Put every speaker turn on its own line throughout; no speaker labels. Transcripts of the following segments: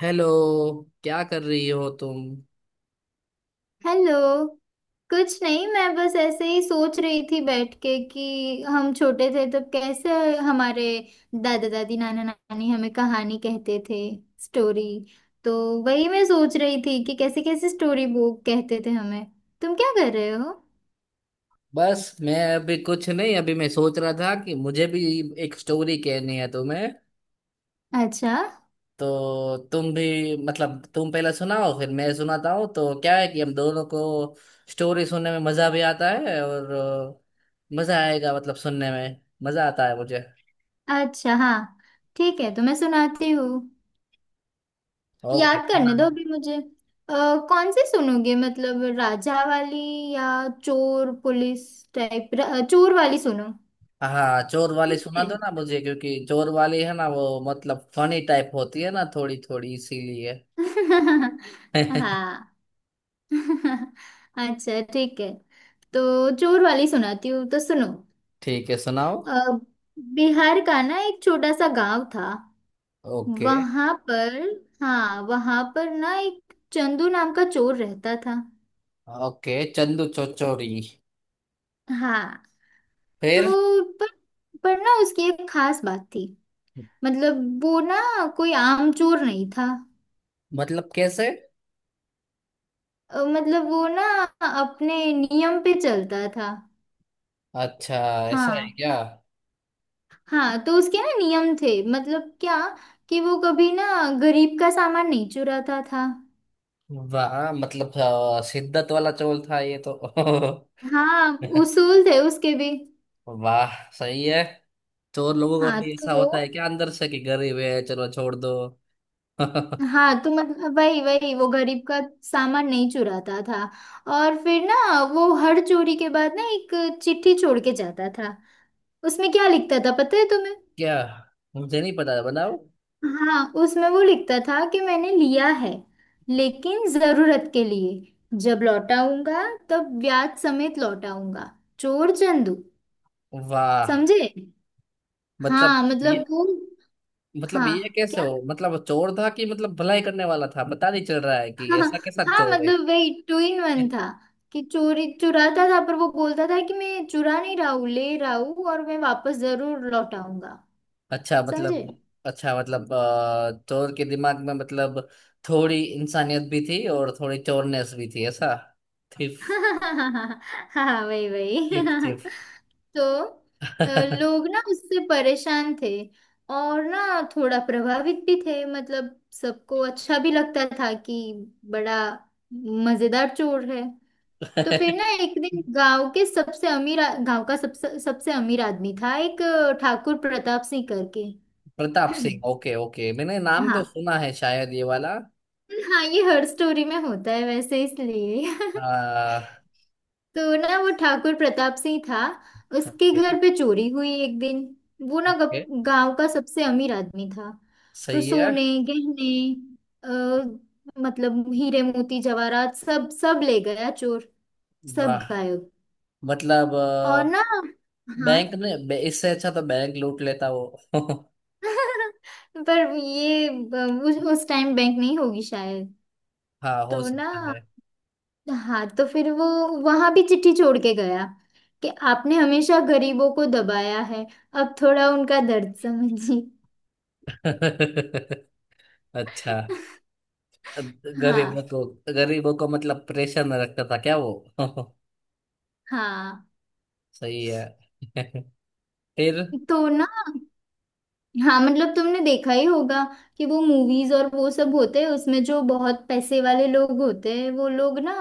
Hello. क्या कर रही हो तुम?
हेलो। कुछ नहीं, मैं बस ऐसे ही सोच रही थी बैठ के कि हम छोटे थे तब कैसे हमारे दादा दादी नाना नानी हमें कहानी कहते थे। स्टोरी। तो वही मैं सोच रही थी कि कैसे कैसे स्टोरी बुक कहते थे हमें। तुम क्या कर रहे हो?
बस मैं अभी कुछ नहीं, अभी मैं सोच रहा था कि मुझे भी एक स्टोरी कहनी है तुम्हें।
अच्छा।
तो तुम भी, मतलब तुम पहले सुनाओ फिर मैं सुनाता हूँ। तो क्या है कि हम दोनों को स्टोरी सुनने में मजा भी आता है, और मजा आएगा, मतलब सुनने में मजा आता है मुझे।
अच्छा हाँ, ठीक है तो मैं सुनाती हूँ।
ओके,
याद करने दो
सुनाओ।
अभी मुझे। अ, कौन सी सुनोगे? मतलब राजा वाली या चोर पुलिस टाइप। चोर वाली सुनो।
हाँ, चोर वाली सुना दो ना मुझे, क्योंकि चोर वाली है ना वो, मतलब फनी टाइप होती है ना थोड़ी थोड़ी, इसीलिए।
हाँ। अच्छा ठीक है। तो जोर वाली सुनाती हूँ तो सुनो।
ठीक है, सुनाओ।
अ, बिहार का ना एक छोटा सा गांव था।
ओके।
वहां पर, हाँ वहां पर ना एक चंदू नाम का चोर रहता था।
ओके, चंदू चौचौरी।
हाँ।
फिर?
तो पर, पर ना उसकी एक खास बात थी। मतलब वो ना कोई आम चोर नहीं था।
मतलब कैसे?
मतलब वो ना अपने नियम पे चलता था।
अच्छा। ऐसा है
हाँ।
क्या?
हाँ तो उसके ना नियम थे मतलब क्या कि वो कभी ना गरीब का सामान नहीं चुराता था।
वाह, मतलब शिद्दत वाला चोर था ये तो।
हाँ, उसूल थे उसके भी।
वाह, सही है। चोर लोगों का
हाँ
भी ऐसा
तो,
होता है क्या अंदर से, कि गरीब है चलो छोड़ दो? क्या?
हाँ तो मतलब वही वही वो गरीब का सामान नहीं चुराता था। और फिर ना वो हर चोरी के बाद ना एक चिट्ठी छोड़ के जाता था। उसमें क्या लिखता था पता है तुम्हें?
मुझे नहीं पता, बनाओ।
हाँ, उसमें वो लिखता था कि मैंने लिया है लेकिन जरूरत के लिए, जब लौटाऊंगा तब ब्याज समेत लौटाऊंगा। चोर चंदू।
वाह।
समझे?
मतलब
हाँ
ये,
मतलब वो,
मतलब
हाँ
ये कैसे
क्या।
हो? मतलब चोर था कि मतलब भलाई करने वाला था, पता नहीं चल रहा है कि
हाँ।
ऐसा कैसा
हाँ
चोर है।
मतलब वही टू इन वन था कि चोरी चुराता था पर वो बोलता था कि मैं चुरा नहीं रहा हूँ, ले रहा हूँ और मैं वापस जरूर लौटाऊंगा।
अच्छा,
समझे?
मतलब। अच्छा, मतलब चोर के दिमाग में, मतलब थोड़ी इंसानियत भी थी और थोड़ी चोरनेस भी थी, ऐसा। थिफ।
हाँ। हाँ वही वही।
Thief thief.
तो अ, लोग ना उससे परेशान थे और ना थोड़ा प्रभावित भी थे। मतलब सबको अच्छा भी लगता था कि बड़ा मजेदार चोर है। तो फिर ना एक दिन गांव के सबसे गांव का सबसे सबसे अमीर आदमी था एक, ठाकुर प्रताप सिंह करके।
प्रताप सिंह? ओके ओके, मैंने नाम तो
हाँ।
सुना है शायद ये वाला।
हाँ, ये हर स्टोरी में होता है वैसे इसलिए।
हाँ।
तो ना वो ठाकुर प्रताप सिंह था, उसके
ओके।
घर पे चोरी हुई एक दिन। वो ना
ओके,
गांव का सबसे अमीर आदमी था। तो
सही है।
सोने, गहने, अ, मतलब हीरे मोती जवाहरात सब, सब ले गया चोर। सब
वाह,
गायब।
मतलब
और ना हाँ।
बैंक ने इससे अच्छा तो बैंक लूट लेता वो।
पर ये उस टाइम बैंक नहीं होगी शायद।
हाँ, हो
तो ना
सकता है।
हाँ तो फिर वो वहां भी चिट्ठी छोड़ के गया कि आपने हमेशा गरीबों को दबाया है, अब थोड़ा उनका दर्द समझिए।
अच्छा।
हाँ।
गरीबों को? गरीबों को मतलब प्रेशर में रखता था क्या वो?
हाँ
सही है। फिर?
तो ना, हाँ मतलब तुमने देखा ही होगा कि वो मूवीज और वो सब होते हैं उसमें जो बहुत पैसे वाले लोग होते हैं, वो लोग ना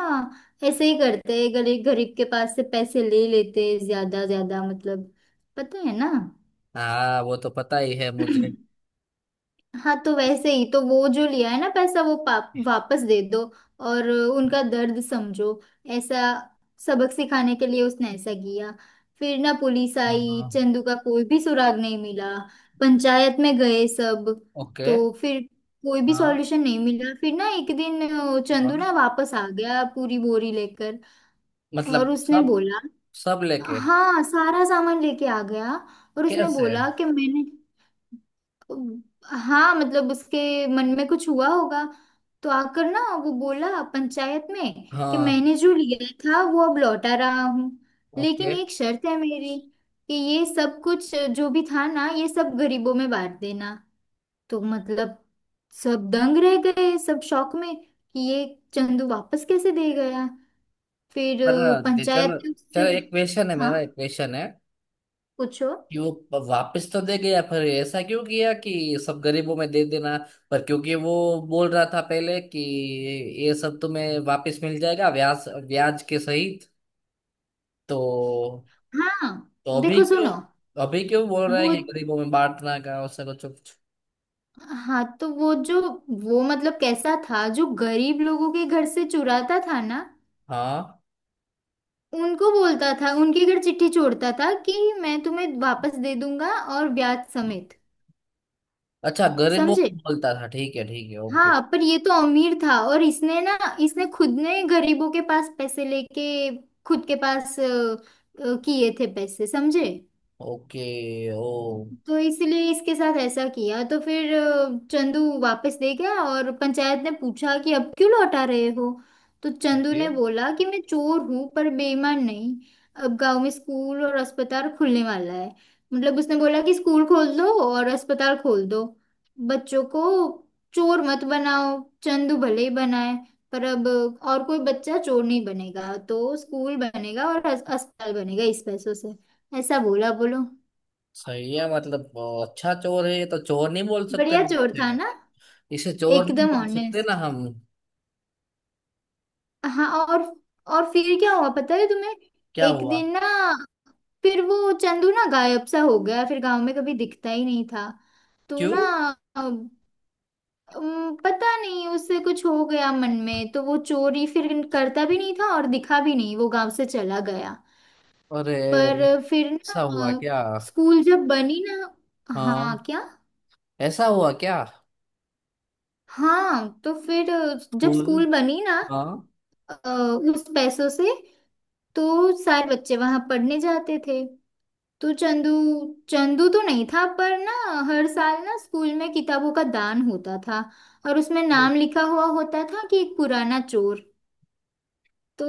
ऐसे ही करते हैं। गरीब गरीब के पास से पैसे ले लेते हैं ज्यादा ज्यादा मतलब। पता है ना।
हाँ, वो तो पता ही है मुझे।
हाँ तो वैसे ही तो वो जो लिया है ना पैसा, वो पाप वापस दे दो और उनका दर्द समझो, ऐसा। सबक सिखाने के लिए उसने ऐसा किया। फिर ना पुलिस
हाँ
आई,
हाँ।
चंदू का कोई भी सुराग नहीं मिला। पंचायत में गए सब।
ओके।
तो फिर कोई भी
हाँ।
सॉल्यूशन नहीं मिला। फिर ना एक दिन चंदू
हाँ,
ना वापस आ गया पूरी बोरी लेकर। और
मतलब
उसने
सब।
बोला,
सब लेके।
हाँ सारा सामान लेके आ गया। और उसने
कैसे?
बोला कि मैंने, हाँ मतलब उसके मन में कुछ हुआ होगा। तो आकर ना वो बोला पंचायत में कि
हाँ।
मैंने जो लिया था वो अब लौटा रहा हूँ लेकिन
ओके।
एक शर्त है मेरी कि ये सब कुछ जो भी था ना, ये सब गरीबों में बांट देना। तो मतलब सब दंग रह गए, सब शौक में कि ये चंदू वापस कैसे दे गया। फिर
पर
पंचायत
चलो,
ने उससे,
चलो, एक क्वेश्चन है
हाँ
मेरा, एक क्वेश्चन है।
पूछो।
कि वो वापस तो दे गया, पर ऐसा क्यों किया कि सब गरीबों में दे देना? पर क्योंकि वो बोल रहा था पहले कि ये सब तुम्हें वापस मिल जाएगा, ब्याज ब्याज के सही। तो
हाँ
तो अभी
देखो
क्यों?
सुनो,
अभी क्यों बोल रहा है
वो
कि गरीबों में बांटना का, उससे कुछ कुछ।
हाँ तो वो जो, वो मतलब कैसा था, जो गरीब लोगों के घर से चुराता था ना
हाँ।
उनको बोलता था, उनके घर चिट्ठी छोड़ता था कि मैं तुम्हें वापस दे दूंगा और ब्याज समेत।
अच्छा, गरीबों
समझे?
को बोलता था, ठीक है ठीक है, ओके।
हाँ, पर ये तो अमीर था और इसने ना इसने खुद ने गरीबों के पास पैसे लेके खुद के पास किए थे पैसे। समझे?
ओके, ओ।
तो इसलिए इसके साथ ऐसा किया। तो फिर चंदू वापस ले गया और पंचायत ने पूछा कि अब क्यों लौटा रहे हो। तो चंदू
ओके,
ने बोला कि मैं चोर हूं पर बेईमान नहीं। अब गांव में स्कूल और अस्पताल खुलने वाला है। मतलब उसने बोला कि स्कूल खोल दो और अस्पताल खोल दो, बच्चों को चोर मत बनाओ। चंदू भले ही बनाए पर अब और कोई बच्चा चोर नहीं बनेगा। तो स्कूल बनेगा और अस्पताल बनेगा इस पैसों से, ऐसा बोला बोलो।
सही है। मतलब अच्छा चोर है ये तो, चोर नहीं बोल सकते
बढ़िया चोर था
इसे।
ना,
इसे चोर नहीं
एकदम
बोल सकते ना
ऑनेस्ट।
हम।
हाँ और फिर क्या हुआ पता है तुम्हें?
क्या
एक
हुआ?
दिन ना फिर वो चंदू ना गायब सा हो गया, फिर गांव में कभी दिखता ही नहीं था। तो
क्यों?
ना अम, अम, पता नहीं उससे कुछ हो गया मन में तो वो चोरी फिर करता भी नहीं था और दिखा भी नहीं, वो गांव से चला गया।
अरे,
पर फिर
ऐसा
ना
हुआ क्या?
स्कूल जब बनी ना,
हाँ।
हाँ क्या।
ऐसा हुआ क्या?
हाँ तो फिर जब
स्कूल।
स्कूल बनी ना,
हाँ।
अ, उस पैसों से, तो सारे बच्चे वहां पढ़ने जाते थे। तो चंदू, चंदू तो नहीं था पर ना हर साल ना स्कूल में किताबों का दान होता था और उसमें नाम लिखा हुआ होता था कि एक पुराना चोर। तो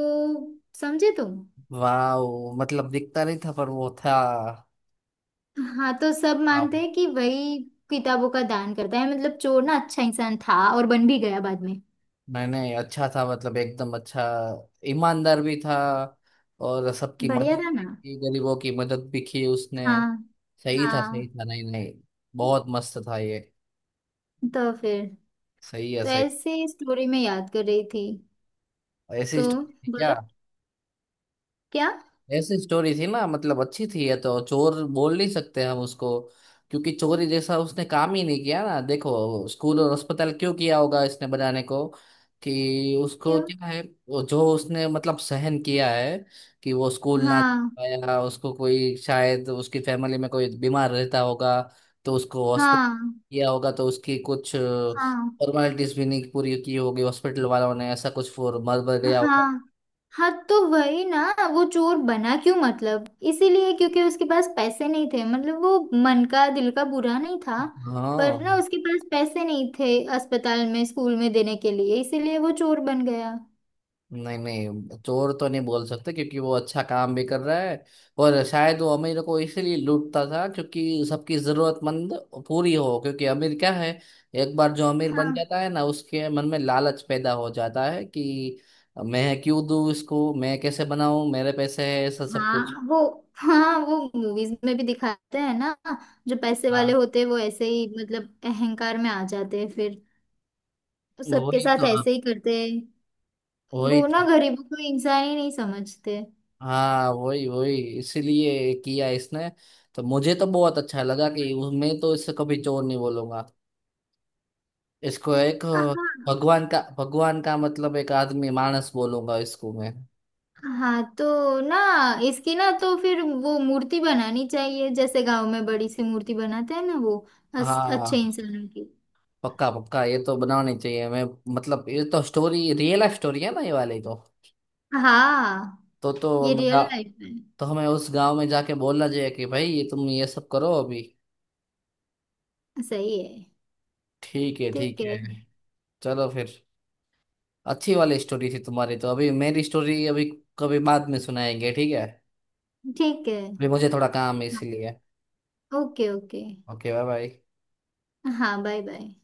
समझे तुम?
वाह, मतलब दिखता नहीं था पर वो था।
हाँ, तो सब मानते
हाँ।
हैं कि वही किताबों का दान करता है। मतलब चोर ना अच्छा इंसान था और बन भी गया बाद में।
नहीं नहीं, अच्छा था, मतलब एकदम अच्छा। ईमानदार भी था और सबकी मदद
बढ़िया था
भी
ना।
की, गरीबों की मदद भी की उसने।
हाँ।
सही था सही
हाँ
था, नहीं नहीं, बहुत मस्त था ये।
तो फिर
सही है,
तो
सही।
ऐसे स्टोरी में याद कर रही थी।
ऐसी
तो
स्टोरी थी क्या?
बोलो क्या
ऐसी स्टोरी थी ना, मतलब अच्छी थी। ये तो चोर बोल नहीं सकते हम उसको, क्योंकि चोरी जैसा उसने काम ही नहीं किया ना। देखो, स्कूल और अस्पताल क्यों किया होगा इसने बनाने को? कि उसको
क्यों
क्या है, वो जो उसने मतलब सहन किया है, कि वो स्कूल ना जा
हाँ
पाया उसको, कोई शायद उसकी फैमिली में कोई बीमार रहता होगा, तो उसको हॉस्पिटल
हाँ
किया होगा, तो उसकी कुछ
हाँ
फॉर्मेलिटीज भी नहीं पूरी की होगी हॉस्पिटल वालों ने, ऐसा कुछ फॉर मर मर गया होगा।
हाँ। हाँ तो वही ना, वो चोर बना क्यों मतलब इसीलिए क्योंकि उसके पास पैसे नहीं थे। मतलब वो मन का दिल का बुरा नहीं था पर ना
हाँ।
उसके पास पैसे नहीं थे अस्पताल में स्कूल में देने के लिए, इसीलिए वो चोर बन गया।
नहीं नहीं, चोर तो नहीं बोल सकते क्योंकि वो अच्छा काम भी कर रहा है। और शायद वो अमीर को इसीलिए लूटता था क्योंकि सबकी जरूरतमंद पूरी हो, क्योंकि अमीर क्या है, एक बार जो अमीर बन
हाँ
जाता है ना उसके मन में लालच पैदा हो जाता है कि मैं क्यों दूं इसको, मैं कैसे बनाऊं, मेरे पैसे है, ऐसा सब कुछ।
हाँ वो, हाँ वो मूवीज में भी दिखाते हैं ना जो पैसे वाले
हाँ,
होते हैं वो ऐसे ही मतलब अहंकार में आ जाते हैं फिर। वो सबके
वही
साथ
तो
ऐसे ही करते हैं।
वही
वो ना
तो
गरीबों को इंसान ही नहीं समझते।
हाँ, वही वही इसीलिए किया इसने। तो मुझे तो बहुत अच्छा लगा कि मैं तो इससे कभी चोर नहीं बोलूंगा इसको। एक भगवान का मतलब एक आदमी, मानस बोलूंगा इसको मैं।
हाँ तो ना इसकी ना तो फिर वो मूर्ति बनानी चाहिए, जैसे गांव में बड़ी सी मूर्ति बनाते हैं ना वो अच्छे
हाँ।
इंसानों की।
पक्का पक्का ये तो बनानी चाहिए। मैं मतलब ये तो स्टोरी, रियल लाइफ स्टोरी है ना ये वाली तो।
हाँ
तो
ये रियल लाइफ है।
तो हमें उस गांव में जाके बोलना चाहिए कि भाई ये, तुम ये सब करो अभी।
सही है।
ठीक है
ठीक
ठीक है।
है।
चलो फिर। अच्छी वाली स्टोरी थी तुम्हारी। तो अभी मेरी स्टोरी अभी, कभी बाद में सुनाएंगे, ठीक है?
ठीक है।
अभी मुझे थोड़ा काम है इसलिए।
Okay okay.
Okay, bye bye.
हाँ बाय बाय।